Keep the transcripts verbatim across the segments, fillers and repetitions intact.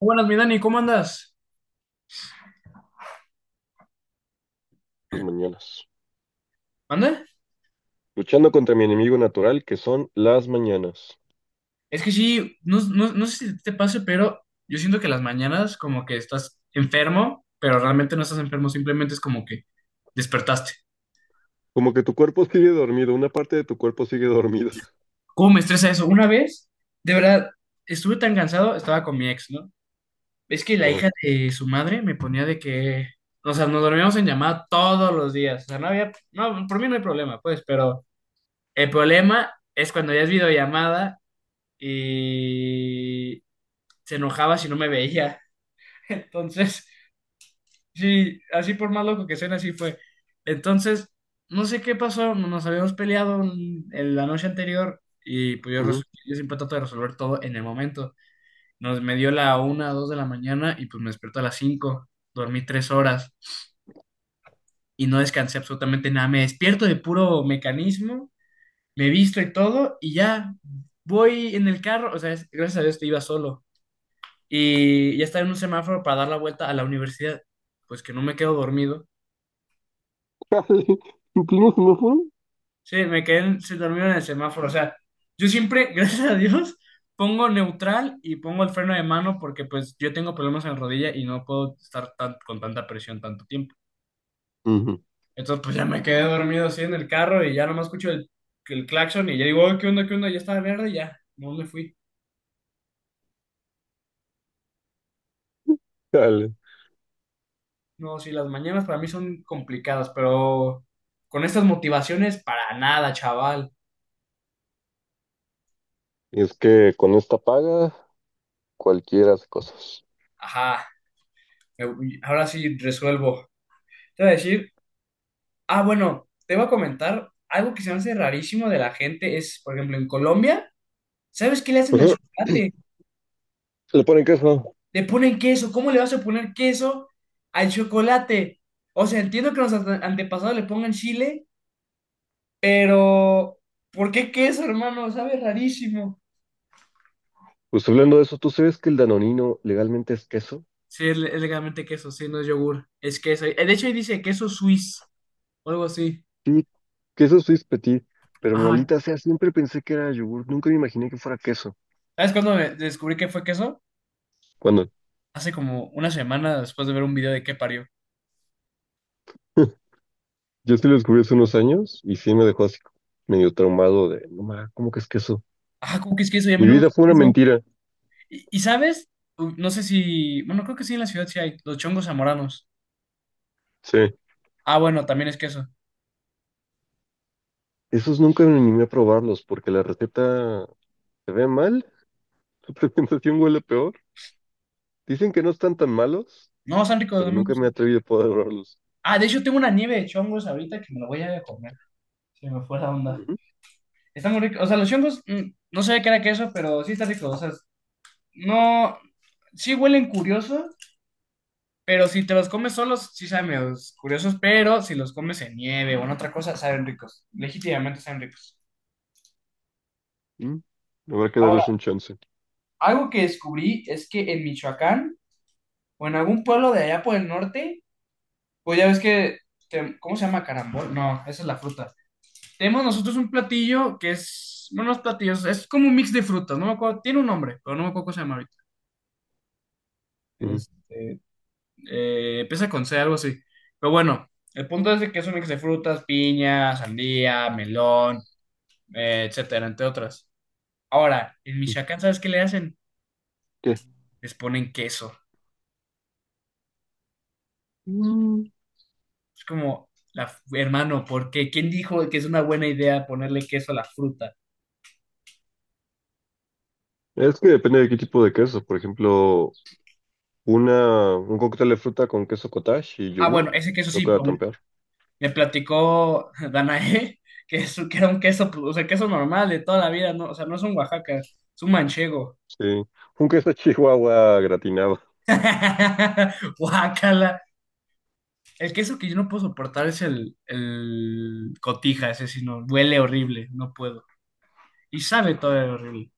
Buenas, mi Dani, ¿cómo andas? Las mañanas, ¿Anda? luchando contra mi enemigo natural que son las mañanas. Es que sí, no, no- no sé si te pase, pero yo siento que las mañanas como que estás enfermo, pero realmente no estás enfermo, simplemente es como que despertaste. Como que tu cuerpo sigue dormido, una parte de tu cuerpo sigue dormida. ¿Cómo me estresa eso? Una vez, de verdad, estuve tan cansado, estaba con mi ex, ¿no? Es que la Ajá. hija de su madre me ponía de que, o sea, nos dormíamos en llamada todos los días, o sea, no había, no, por mí no hay problema, pues, pero el problema es cuando ya es videollamada y se enojaba si no me veía. Entonces, sí, así por más loco que suene, así fue. Entonces, no sé qué pasó, nos habíamos peleado en en la noche anterior y pues yo, res- Ujú. yo siempre trato de resolver todo en el momento. Nos me dio la una, dos de la mañana y pues me despierto a las cinco, dormí tres horas y no descansé absolutamente nada. Me despierto de puro mecanismo, me visto y todo y ya voy en el carro, o sea, es- gracias a Dios te iba solo y ya estaba en un semáforo para dar la vuelta a la universidad, pues que no me quedo dormido. Dale. ¿Inclino semáforo? Sí, me quedé, en- se durmió en el semáforo. O sea, yo siempre, gracias a Dios, pongo neutral y pongo el freno de mano porque pues yo tengo problemas en la rodilla y no puedo estar tan- con tanta presión tanto tiempo. Ujú. Entonces pues ya me quedé dormido así en el carro y ya nomás escucho el, el claxon y ya digo, "Oye, ¿qué onda, qué onda?" Ya estaba verde y ya, no me fui. Dale. No, sí, las mañanas para mí son complicadas, pero con estas motivaciones para nada, chaval. Es que con esta paga cualquiera hace cosas. Ajá, me- ahora sí resuelvo. Te voy a decir. Ah, bueno, te voy a comentar algo que se me hace rarísimo de la gente es, por ejemplo, en Colombia, ¿sabes qué le hacen al Ajá. chocolate? Le ponen queso. Le ponen queso. ¿Cómo le vas a poner queso al chocolate? O sea, entiendo que los ante- antepasados le pongan chile, pero ¿por qué queso, hermano? Sabe rarísimo. Pues hablando de eso, ¿tú sabes que el danonino legalmente es queso? Sí, es, le- es legalmente queso, sí, no es yogur, es queso. Eh, De hecho, ahí dice queso suizo o algo así. Sí, queso Swiss Petit, pero Ajá. maldita sea, siempre pensé que era yogur, nunca me imaginé que fuera queso. ¿Sabes cuándo me- descubrí que fue queso? ¿Cuándo? Hace como una semana después de ver un video de qué parió. Yo sí lo descubrí hace unos años y sí me dejó así medio traumado de, no ma, ¿cómo que es queso? Ah, ¿cómo que es queso? Y a mí Mi no me vida gusta el fue una queso. mentira. ¿Y, y sabes? U- No sé si. Bueno, creo que sí, en la ciudad sí hay. Los chongos zamoranos. Sí. Ah, bueno, también es queso. Esos nunca me animé a probarlos porque la receta se ve mal, la presentación huele peor. Dicen que no están tan malos, No, están ricos, a pero mí me nunca me gustan. atreví a probarlos. Ah, de hecho tengo una nieve de chongos ahorita que me la voy a ir a comer. Se me fue la onda. Ujú, Está muy rico. O sea, los chongos, mm, no sabía que era queso, pero sí está rico. O sea, no. Sí huelen curioso, pero si te los comes solos, sí saben medios curiosos, pero si los comes en nieve o en otra cosa, saben ricos. Legítimamente saben ricos. ujú. Habrá que darles Ahora, un chance. algo que descubrí es que en Michoacán, o en algún pueblo de allá por el norte, pues ya ves que, que- ¿cómo se llama? Carambol. No, esa es la fruta. Tenemos nosotros un platillo que es, bueno, no es platillo, es es como un mix de frutas, no me acuerdo, tiene un nombre, pero no me acuerdo cómo se llama ahorita. Ujú, Este, eh, empieza con C, algo así. Pero bueno, el punto es de que es un mix de frutas, piña, sandía, melón, eh, etcétera, entre otras. Ahora, en ujú. Michoacán, ¿sabes qué le hacen? ¿Qué? Les ponen queso. Mm, Es como, la, hermano, ¿por qué? ¿Quién dijo que es una buena idea ponerle queso a la fruta? es que depende de qué tipo de queso. Por ejemplo, una, un cóctel de fruta con queso cottage y Ah, yogurt bueno, ese queso no sí, queda pero tan peor. me platicó Danae que, es, que era un queso, pues, o sea, queso normal de toda la vida, ¿no? O sea, no es un Oaxaca, es un manchego. Sí, un queso chihuahua gratinado. Oaxaca. El queso que yo no puedo soportar es el, el cotija, ese sí, no, huele horrible, no puedo. Y sabe todo horrible.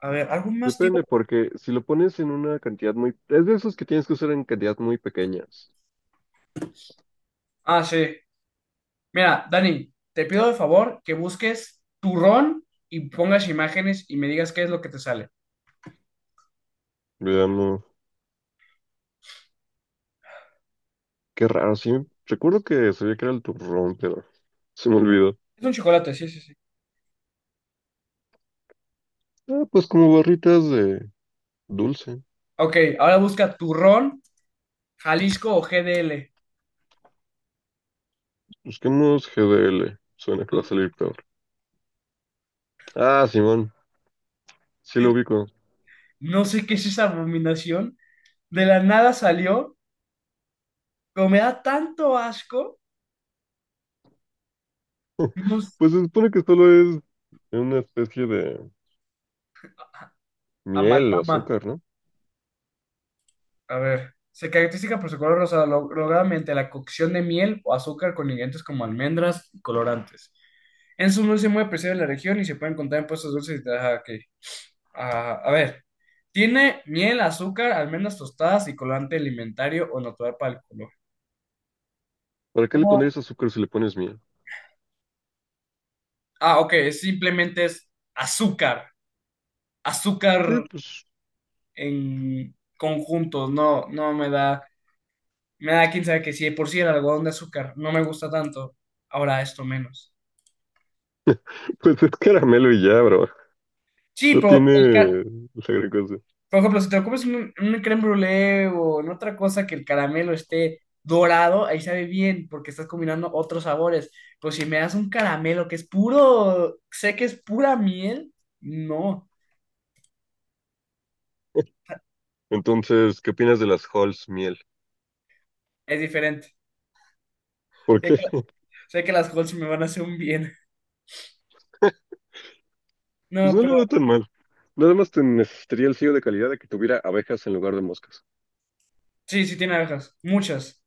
A ver, ¿algún más, tío? Depende, porque si lo pones en una cantidad muy... Es de esos que tienes que usar en cantidades muy pequeñas. Ah, sí. Mira, Dani, te pido de favor que busques turrón y pongas imágenes y me digas qué es lo que te sale. Veamos, qué raro, sí. Recuerdo que sabía que era el turrón, pero se me olvidó. Es un chocolate, sí, sí, sí. Ah, pues como barritas de dulce. Ok, ahora busca turrón Jalisco o G D L. Busquemos G D L. Suena que va a salir peor. Ah, Simón, sí lo ubico. No sé qué es esa abominación. De la nada salió, pero me da tanto asco. Unos Pues se supone que solo es una especie de miel o amalgama. azúcar, ¿no? A ver. Se caracteriza por su color rosado, lo- lograda mediante la cocción de miel o azúcar con ingredientes como almendras y colorantes. En su dulce muy apreciado en la región y se puede encontrar en puestos dulces y ah, ok. Ah, a ver. Tiene miel, azúcar, almendras tostadas y colorante alimentario o natural para el color. ¿Para qué le No. pondrías azúcar si le pones miel? Ah, ok, simplemente es azúcar. Sí, Azúcar pues, en conjuntos, no, no me da, me da quién sabe que si de por sí el algodón de azúcar no me gusta tanto, ahora esto menos. pues es caramelo y ya, bro. Sí, No pero tiene el ca- la gran cosa. por ejemplo, si te lo comes en un, en un crème brûlée o en otra cosa que el caramelo esté dorado, ahí sabe bien porque estás combinando otros sabores. Pero si me das un caramelo que es puro, sé que es pura miel, no, Entonces, ¿qué opinas de las Halls miel? es diferente. ¿Por Sé qué? que, sé que las Halls me van a hacer un bien. Pues No, no pero lo veo tan mal. Nada más te necesitaría el sello de calidad de que tuviera abejas en lugar de moscas. sí, sí tiene abejas, muchas.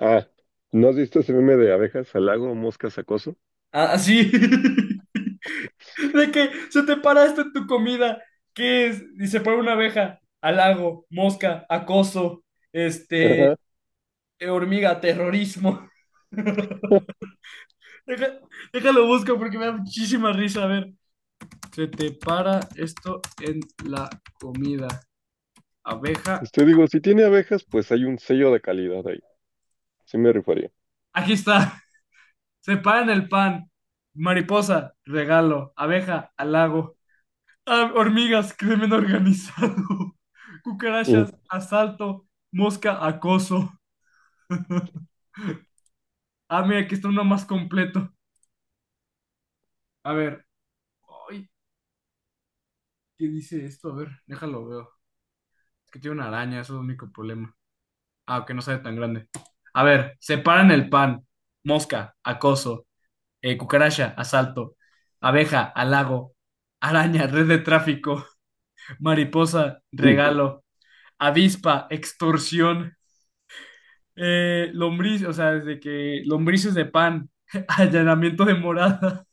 Ah, ¿no has visto ese meme de abejas al lago, moscas acoso? Ah, así. De que se te para esto en tu comida. ¿Qué es? Y se pone una abeja. Halago, mosca, acoso, este, Ajá. hormiga, terrorismo. Deja- déjalo busco porque me da muchísima risa. A ver, se te para esto en la comida. Abeja. Este digo, si tiene abejas, pues hay un sello de calidad ahí. Sí me rifaría. Aquí está. Se para en el pan. Mariposa, regalo. Abeja, halago. Ah, hormigas, crimen organizado. Ujú, Cucarachas, asalto. Mosca, acoso. Ah, mira, aquí está uno más completo. A ver. Ay, ¿qué dice esto? A ver, déjalo veo. Es que tiene una araña, eso es el único problema. Ah, que no sale tan grande. A ver, separan el pan. Mosca, acoso. Eh, cucaracha, asalto. Abeja, halago. Araña, red de tráfico. Mariposa, ujú, regalo. Avispa, extorsión. Eh, lombriz, o sea, desde que lombrices de pan, allanamiento de morada,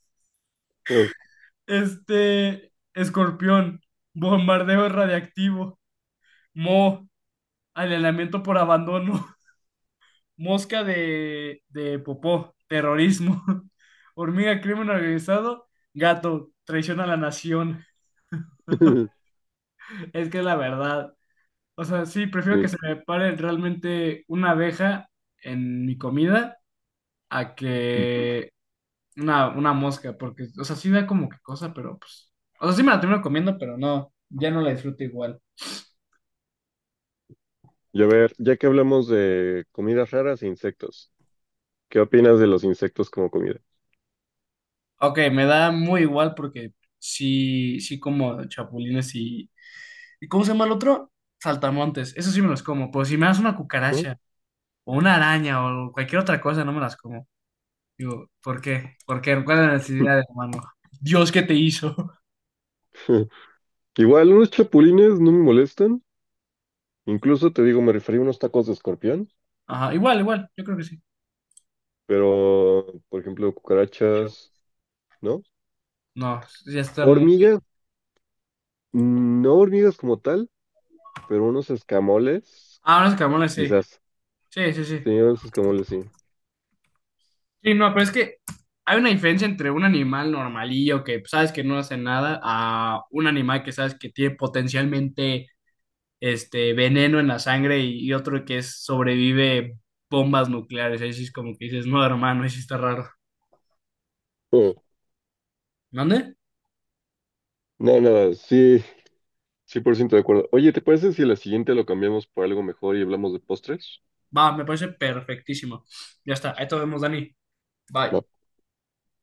ah, este, escorpión, bombardeo radiactivo, mo, allanamiento por abandono, mosca de, de popó, terrorismo, hormiga, crimen organizado, gato, traición a la nación, es que es la verdad. O sea, sí, prefiero que sí. se me pare realmente una abeja en mi comida a Mm. que Una, una mosca, porque, o sea, sí da como que cosa, pero pues. O sea, sí me la termino comiendo, pero no, ya no la disfruto igual. Y a ver, ya que hablamos de comidas raras e insectos, ¿qué opinas de los insectos como comida? Ok, me da muy igual porque sí, sí como chapulines y. ¿Y cómo se llama el otro? Saltamontes. Eso sí me los como, pero si me das una ¿No? cucaracha o una araña o cualquier otra cosa, no me las como. Digo, ¿por qué? ¿Por qué? ¿Cuál es la necesidad de hermano? Dios, ¿qué te hizo? Igual unos chapulines no me molestan. Incluso te digo, me referí a unos tacos de escorpión, Ajá, igual, igual, yo creo que sí. pero, por ejemplo, cucarachas, ¿no? No, ya está muy. Hormigas, mm, no hormigas como tal, pero unos escamoles, Ah, unos camarones, sí. quizás. Sí, sí, sí. Sí, unos escamoles, sí. Sí, no, pero es que hay una diferencia entre un animal normalillo que pues, sabes que no hace nada a un animal que sabes que tiene potencialmente este veneno en la sangre y, y otro que es, sobrevive bombas nucleares. Ahí sí es como que dices, no, hermano, ahí sí está raro. Eh, ¿Dónde? No, nada, sí, cien por ciento de acuerdo. Oye, ¿te parece si la siguiente lo cambiamos por algo mejor y hablamos de postres? Va, me parece perfectísimo. Ya está, ahí te vemos, Dani. Bye. Va.